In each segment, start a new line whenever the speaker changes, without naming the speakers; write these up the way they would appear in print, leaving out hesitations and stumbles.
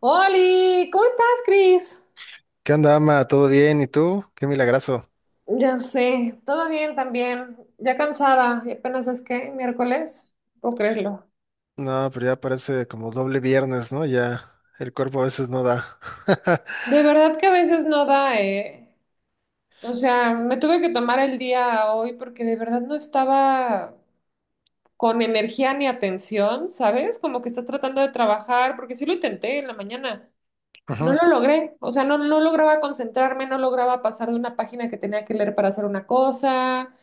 Oli, ¿cómo estás, Cris?
¿Qué onda, ama? ¿Todo bien? ¿Y tú? Qué milagrazo.
Ya sé, todo bien también. Ya cansada, y apenas es que miércoles, no puedo creerlo.
No, pero ya parece como doble viernes, ¿no? Ya el cuerpo a veces no da.
De verdad que a veces no da, me tuve que tomar el día hoy porque de verdad no estaba con energía ni atención, ¿sabes? Como que estás tratando de trabajar, porque sí lo intenté en la mañana. No
Ujú,
lo logré, no lograba concentrarme, no lograba pasar de una página que tenía que leer para hacer una cosa.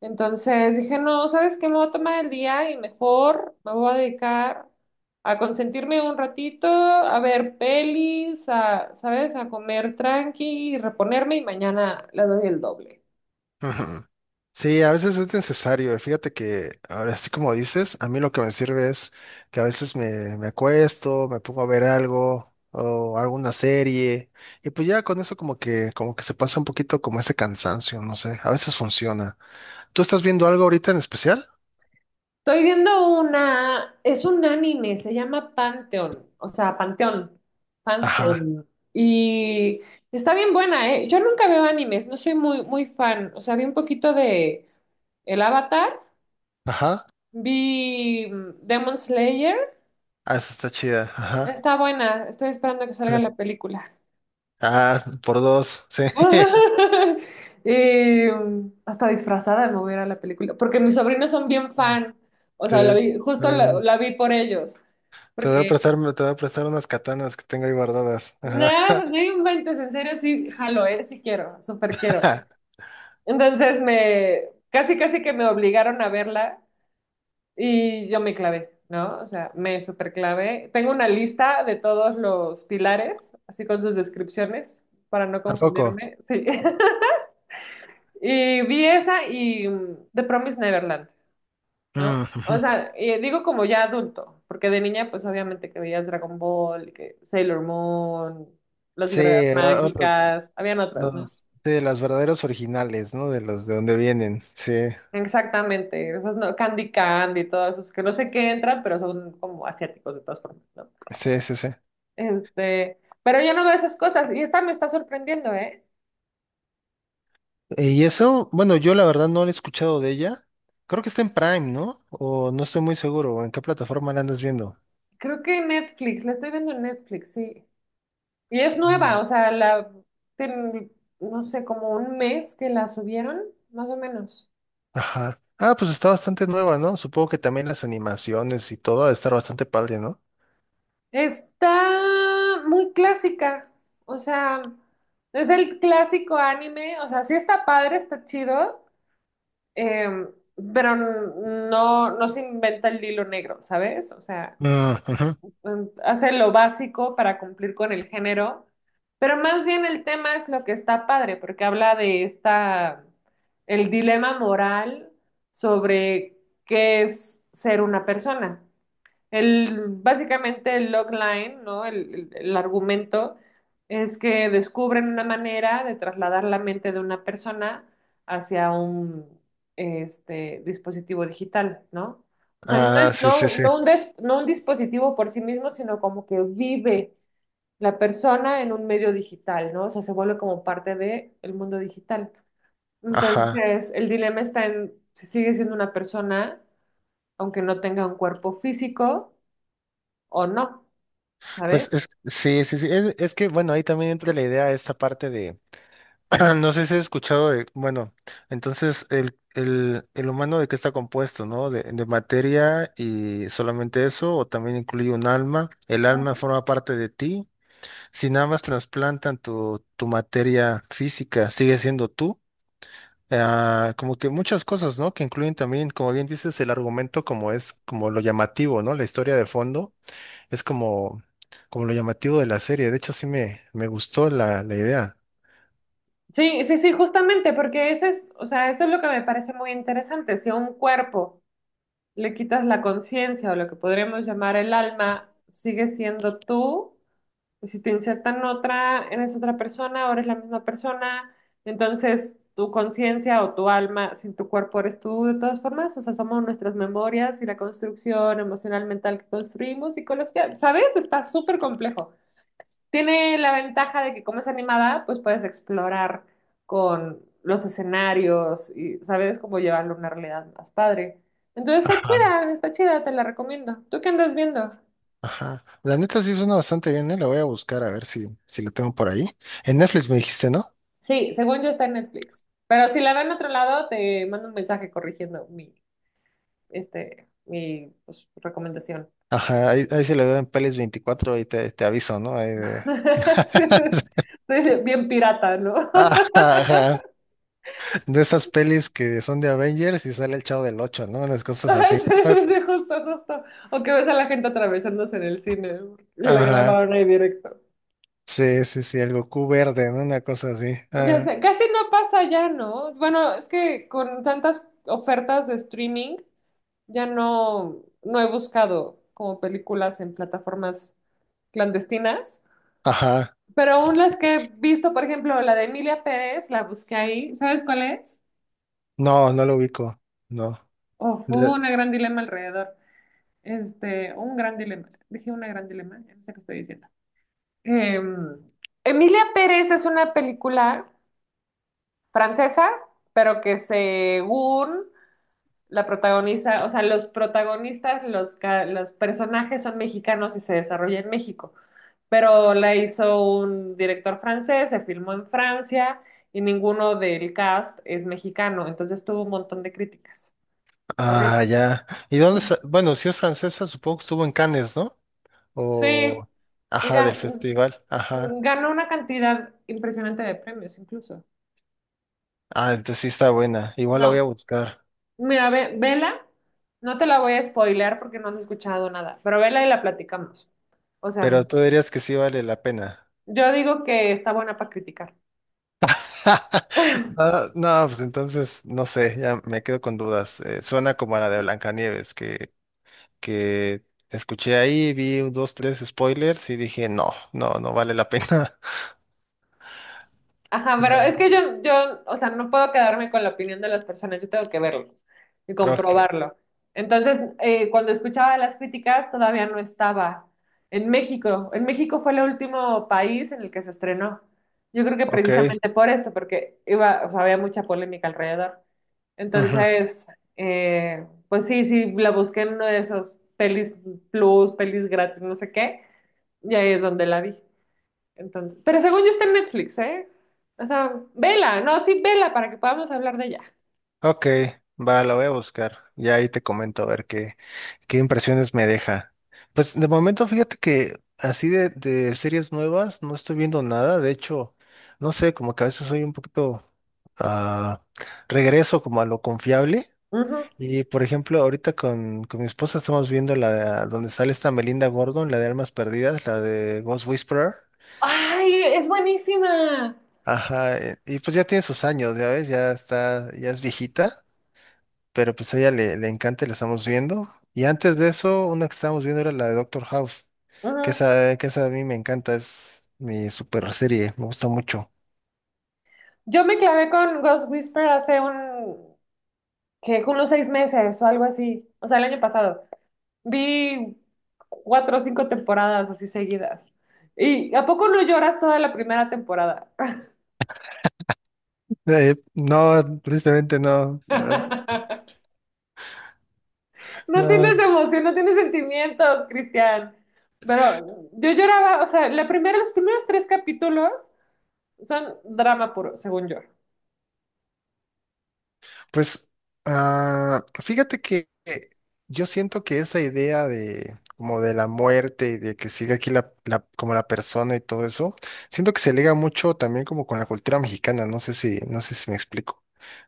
Entonces dije, no, ¿sabes qué? Me voy a tomar el día y mejor me voy a dedicar a consentirme un ratito, a ver pelis, a, ¿sabes? A comer tranqui y reponerme y mañana le doy el doble.
ujú. Sí, a veces es necesario. Fíjate que ahora, así como dices, a mí lo que me sirve es que a veces me acuesto, me pongo a ver algo o alguna serie y pues ya con eso como que se pasa un poquito como ese cansancio, no sé. A veces funciona. ¿Tú estás viendo algo ahorita en especial?
Estoy viendo una, es un anime, se llama Pantheon, o sea, Panteón,
Ajá,
Pantheon. Y está bien buena, ¿eh? Yo nunca veo animes, no soy muy fan. O sea, vi un poquito de El Avatar,
ajá.
vi Demon Slayer,
Ah, esa está chida. Ajá.
está buena, estoy esperando que salga la película.
Ah, por dos, sí.
Hasta disfrazada no voy a ir a la película, porque mis sobrinos son bien fan, o sea,
Te,
justo la
eh,
la vi por ellos.
Te voy a
Porque
prestar, te voy a prestar unas katanas que tengo ahí guardadas. Ajá.
Nada, no inventes, en serio, sí, jalo, ¿eh? Sí quiero, súper quiero. Entonces me, casi casi que me obligaron a verla y yo me clavé, ¿no? O sea, me súper clavé. Tengo una lista de todos los pilares, así con sus descripciones, para no
¿A poco?
confundirme, sí. Y vi esa y The Promised Neverland, ¿no?
Mm, ujú.
O sea, y digo como ya adulto, porque de niña pues obviamente que veías Dragon Ball, que Sailor Moon, Las
Sí,
Guerreras
otro-
Mágicas, habían otras, ¿no?
los, de las verdaderos originales, ¿no? De los de donde vienen. Sí,
Exactamente, esos no, Candy Candy, todos esos que no sé qué entran, pero son como asiáticos de todas formas, ¿no?
sí, sí, sí.
Pero yo no veo esas cosas y esta me está sorprendiendo, ¿eh?
Y eso, bueno, yo la verdad no lo he escuchado de ella. Creo que está en Prime, ¿no? O no estoy muy seguro. ¿O ¿En qué plataforma la andas viendo?
Creo que en Netflix, la estoy viendo en Netflix, sí. Y es nueva,
Mm.
ten- no sé, como 1 mes que la subieron, más o menos.
Ajá. Ah, pues está bastante nueva, ¿no? Supongo que también las animaciones y todo ha de estar bastante padre, ¿no?
Está muy clásica, o sea, es el clásico anime, o sea, sí está padre, está chido. Eh, no se inventa el hilo negro, ¿sabes?
Mm, ujú.
Hace lo básico para cumplir con el género, pero más bien el tema es lo que está padre, porque habla de esta, el dilema moral sobre qué es ser una persona. Básicamente el logline, ¿no? El argumento es que descubren una manera de trasladar la mente de una persona hacia un dispositivo digital, ¿no? O sea, no,
Ah, sí, sí, sí.
no un dispositivo por sí mismo, sino como que vive la persona en un medio digital, ¿no? O sea, se vuelve como parte del mundo digital.
Ajá.
Entonces, el dilema está en si sigue siendo una persona, aunque no tenga un cuerpo físico o no. ¿Sabes?
Pues es, sí, sí, sí. Es que, bueno, ahí también entra la idea, esta parte de, no sé si has escuchado de, bueno, entonces el humano de qué está compuesto, ¿no? De materia y solamente eso, o también incluye un alma. El alma forma parte de ti. Si nada más trasplantan tu materia física, sigue siendo tú. Ah, como que muchas cosas, ¿no? Que incluyen también, como bien dices, el argumento como es, como lo llamativo, ¿no? La historia de fondo es como, como lo llamativo de la serie. De hecho, sí me gustó la idea.
Sí, sí, sí, justamente, porque ese es, o sea, eso es lo que me parece muy interesante. Si a un cuerpo le quitas la conciencia o lo que podríamos llamar el alma, sigue siendo tú, y si te insertan otra, eres otra persona, o eres la misma persona, entonces tu conciencia o tu alma sin tu cuerpo eres tú de todas formas, o sea, somos nuestras memorias y la construcción emocional mental que construimos, psicología, ¿sabes? Está súper complejo. Tiene la ventaja de que como es animada, pues puedes explorar con los escenarios y sabes cómo llevarlo a una realidad más padre. Entonces
Ajá.
está chida, te la recomiendo. ¿Tú qué andas viendo?
Ajá. La neta sí suena bastante bien, ¿eh? La voy a buscar a ver si, si la tengo por ahí. En Netflix me dijiste, ¿no?
Sí, según yo está en Netflix. Pero si la veo en otro lado, te mando un mensaje corrigiendo mi, mi pues, recomendación.
Ajá, ahí, ahí se la veo en Pelis24 y te aviso, ¿no? Ahí de-
Estoy bien pirata, ¿no?
Ajá, ajá. De esas pelis que son de Avengers y sale el Chavo del ocho, ¿no? Unas cosas
Ay,
así.
sí,
Ah,
sí, justo, justo. O que ves a la gente atravesándose en el cine. Porque la
ajá.
grabaron ahí directo.
Sí, sí, sí, el Goku verde, ¿no? Una cosa así.
Ya
Ah,
sé, casi no pasa ya, ¿no? Bueno, es que con tantas ofertas de streaming ya no he buscado como películas en plataformas clandestinas,
ajá.
pero aún las que he visto, por ejemplo, la de Emilia Pérez, la busqué ahí, ¿sabes cuál es?
No, no lo ubico. No.
Oh, fue un gran dilema alrededor. Un gran dilema. Dije una gran dilema, ya no sé qué estoy diciendo. Em, Emilia Pérez es una película francesa, pero que según la protagonista, o sea, los protagonistas, los personajes son mexicanos y se desarrolla en México, pero la hizo un director francés, se filmó en Francia y ninguno del cast es mexicano, entonces tuvo un montón de críticas. Horrible.
Ah, ya. ¿Y dónde sa- bueno, si es francesa, supongo que estuvo en Cannes, ¿no?
Sí,
O...
y
Ajá, del
ga-
festival. Ajá.
ganó una cantidad impresionante de premios incluso.
Ah, entonces sí está buena. Igual la voy a
No,
buscar.
mira, vela, no te la voy a spoilear porque no has escuchado nada, pero vela y la platicamos. O sea,
Pero tú dirías que sí vale la pena.
yo digo que está buena para criticar.
No, no, pues entonces, no sé, ya me quedo con dudas. Suena como a la de Blancanieves, que escuché ahí, vi un, dos, tres spoilers y dije, no, no, no vale la pena.
Ajá, pero
Claro.
es que yo, o sea, no puedo quedarme con la opinión de las personas, yo tengo que verlos y
Ok,
comprobarlo. Entonces, cuando escuchaba las críticas, todavía no estaba en México. En México fue el último país en el que se estrenó. Yo creo que
ok.
precisamente por esto, porque iba, o sea, había mucha polémica alrededor.
Ujú.
Entonces, pues sí, sí, la busqué en uno de esos pelis plus, pelis gratis, no sé qué, y ahí es donde la vi. Entonces, pero según yo está en Netflix, ¿eh? O sea, vela, no, sí, vela para que podamos hablar de ella.
Ok, va, la voy a buscar. Y ahí te comento a ver qué, qué impresiones me deja. Pues de momento, fíjate que así de series nuevas no estoy viendo nada. De hecho, no sé, como que a veces soy un poquito ah, regreso como a lo confiable.
Ujú.
Y por ejemplo, ahorita con mi esposa estamos viendo la donde sale esta Melinda Gordon, la de Almas Perdidas, la de Ghost Whisperer.
Ay, es buenísima.
Ajá, y pues ya tiene sus años, ya ves, ya está, ya es viejita. Pero pues a ella le encanta y la estamos viendo. Y antes de eso, una que estábamos viendo era la de Doctor House,
Ujú.
que esa a mí me encanta, es mi super serie, me gusta mucho.
Yo me clavé con Ghost Whisperer hace un, que unos 6 meses o algo así, o sea, el año pasado. Vi cuatro o cinco temporadas así seguidas. ¿Y a poco no lloras toda la primera temporada?
No, tristemente no, no,
No
no.
tienes emoción, no tienes sentimientos, Cristian. Pero yo lloraba, o sea, la primera, los primeros tres capítulos son drama puro, según yo.
Pues fíjate que yo siento que esa idea de como de la muerte y de que sigue aquí como la persona y todo eso, siento que se liga mucho también como con la cultura mexicana, no sé si, no sé si me explico,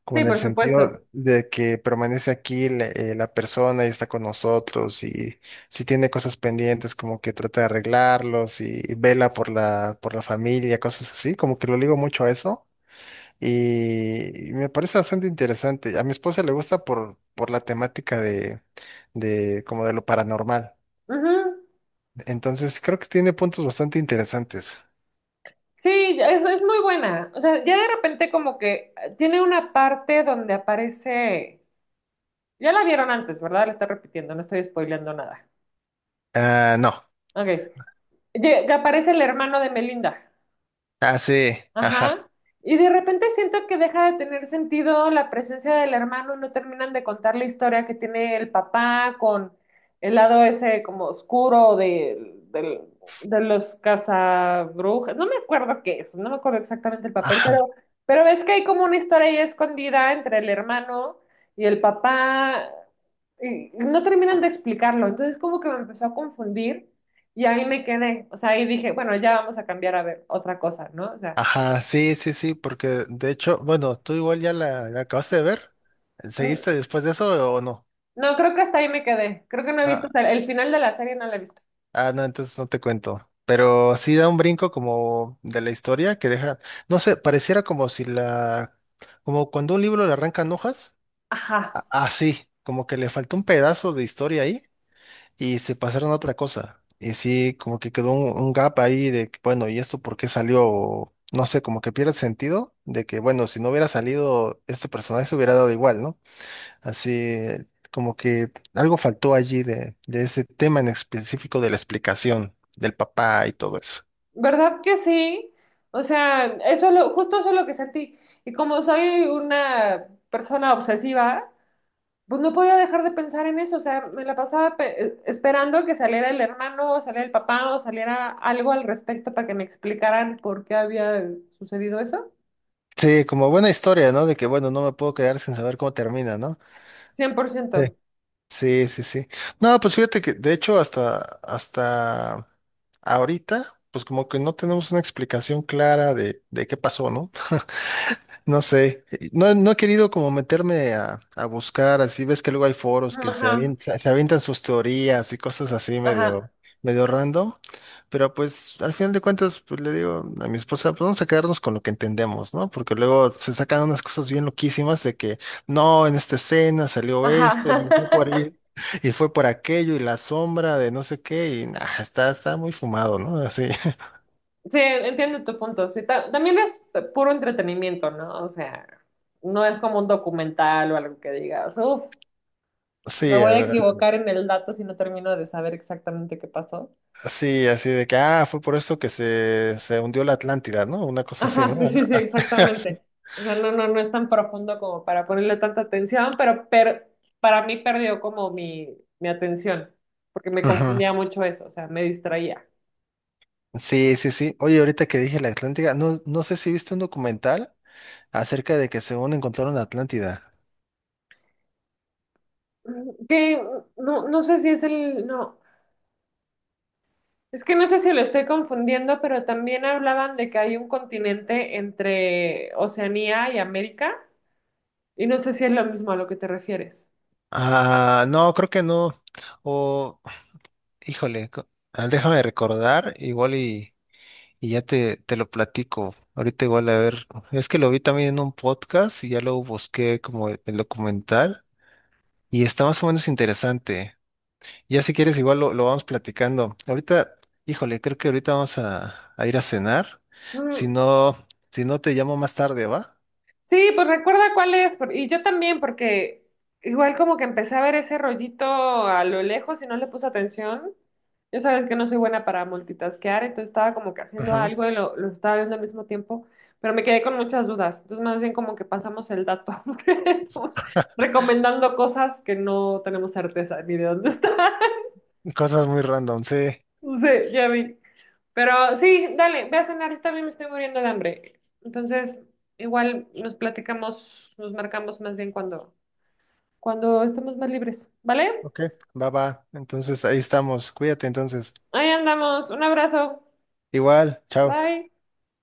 como
Sí,
en el
por supuesto.
sentido de que permanece aquí la, la persona y está con nosotros y si tiene cosas pendientes como que trata de arreglarlos y, vela por la familia, cosas así, como que lo ligo mucho a eso. Y me parece bastante interesante. A mi esposa le gusta por la temática de como de lo paranormal.
Ujú.
Entonces creo que tiene puntos bastante interesantes.
Sí, es muy buena. O sea, ya de repente como que tiene una parte donde aparece, ya la vieron antes, ¿verdad? La está repitiendo, no estoy spoileando nada.
Ah, no.
Ok. Que aparece el hermano de Melinda.
Ah, sí. Ajá.
Ajá. Y de repente siento que deja de tener sentido la presencia del hermano, no terminan de contar la historia que tiene el papá con el lado ese como de los cazabrujas. No me acuerdo qué es, no me acuerdo exactamente el papel,
Ajá.
pero ves que hay como una historia ahí escondida entre el hermano y el papá y no terminan de explicarlo. Entonces como que me empezó a confundir y ahí me quedé. O sea, ahí dije, bueno, ya vamos a cambiar a ver otra cosa, ¿no? O sea.
Ajá. Sí, sí, sí. Porque de hecho, bueno, tú igual ya la acabaste de ver.
N-
¿Seguiste después de eso o no?
No, creo que hasta ahí me quedé. Creo que no he visto,
Ah,
o sea, el final de la serie no la he visto.
ah, no, entonces no te cuento. Pero sí da un brinco como de la historia que deja, no sé, pareciera como si la, como cuando un libro le arrancan hojas.
Ajá,
Así, como que le faltó un pedazo de historia ahí y se pasaron a otra cosa. Y sí, como que quedó un gap ahí de, que, bueno, ¿y esto por qué salió? O, no sé, como que pierde sentido de que, bueno, si no hubiera salido este personaje hubiera dado igual, ¿no? Así, como que algo faltó allí de ese tema en específico de la explicación del papá y todo eso.
¿verdad que sí? O sea, eso lo, justo eso es lo que sentí. Y como soy una persona obsesiva, pues no podía dejar de pensar en eso. O sea, me la pasaba esperando que saliera el hermano, o saliera el papá, o saliera algo al respecto para que me explicaran por qué había sucedido eso.
Sí, como buena historia, ¿no? De que, bueno, no me puedo quedar sin saber cómo termina, ¿no?
Cien por
Sí.
ciento.
Sí, sí, sí. No, pues fíjate que, de hecho, hasta, hasta ahorita, pues como que no tenemos una explicación clara de qué pasó, ¿no? No sé, no, no he querido como meterme a buscar, así ves que luego hay foros que
Ajá,
se avientan sus teorías y cosas así medio,
ajá,
medio random, pero pues al final de cuentas pues le digo a mi esposa, pues vamos a quedarnos con lo que entendemos, ¿no? Porque luego se sacan unas cosas bien loquísimas de que no, en esta escena salió
ajá.
esto y fue por ahí, y fue por aquello y la sombra de no sé qué y nah, está, está muy fumado, ¿no? Así,
Sí, entiendo tu punto. Sí, también es puro entretenimiento, ¿no? O sea, no es como un documental o algo que digas, uff, me
sí.
voy a equivocar en el dato si no termino de saber exactamente qué pasó.
Sí, así de que, ah, fue por esto que se hundió la Atlántida, ¿no? Una cosa así,
Ajá,
¿no?
sí, sí, sí,
Sí,
exactamente. O sea, no es tan profundo como para ponerle tanta atención, pero para mí perdió como mi atención, porque me
ujú.
confundía mucho eso, o sea, me distraía.
Sí, sí. Sí. Oye, ahorita que dije la Atlántida, no, no sé si viste un documental acerca de que según encontraron la Atlántida.
Que no, no sé si es el, no. Es que no sé si lo estoy confundiendo, pero también hablaban de que hay un continente entre Oceanía y América, y no sé si es lo mismo a lo que te refieres.
Ah, no, creo que no. O, híjole, déjame recordar, igual y ya te lo platico. Ahorita igual a ver, es que lo vi también en un podcast y ya luego busqué como el documental y está más o menos interesante. Ya si quieres, igual lo vamos platicando. Ahorita, híjole, creo que ahorita vamos a ir a cenar. Si
Mm,
no, si no te llamo más tarde, ¿va?
sí, pues recuerda cuál es, por- y yo también, porque igual como que empecé a ver ese rollito a lo lejos y no le puse atención. Ya sabes que no soy buena para multitaskear, entonces estaba como que haciendo
Ujú.
algo y lo estaba viendo al mismo tiempo, pero me quedé con muchas dudas. Entonces más bien como que pasamos el dato, porque estamos recomendando cosas que no tenemos certeza ni de dónde están.
Cosas muy random, sí.
Sí, ya vi. Pero sí, dale, ve a cenar, yo también me estoy muriendo de hambre. Entonces, igual nos platicamos, nos marcamos más bien cuando estemos más libres, ¿vale?
Ok, va, va. Entonces ahí estamos. Cuídate entonces.
Ahí andamos, un abrazo,
Igual, chao.
bye.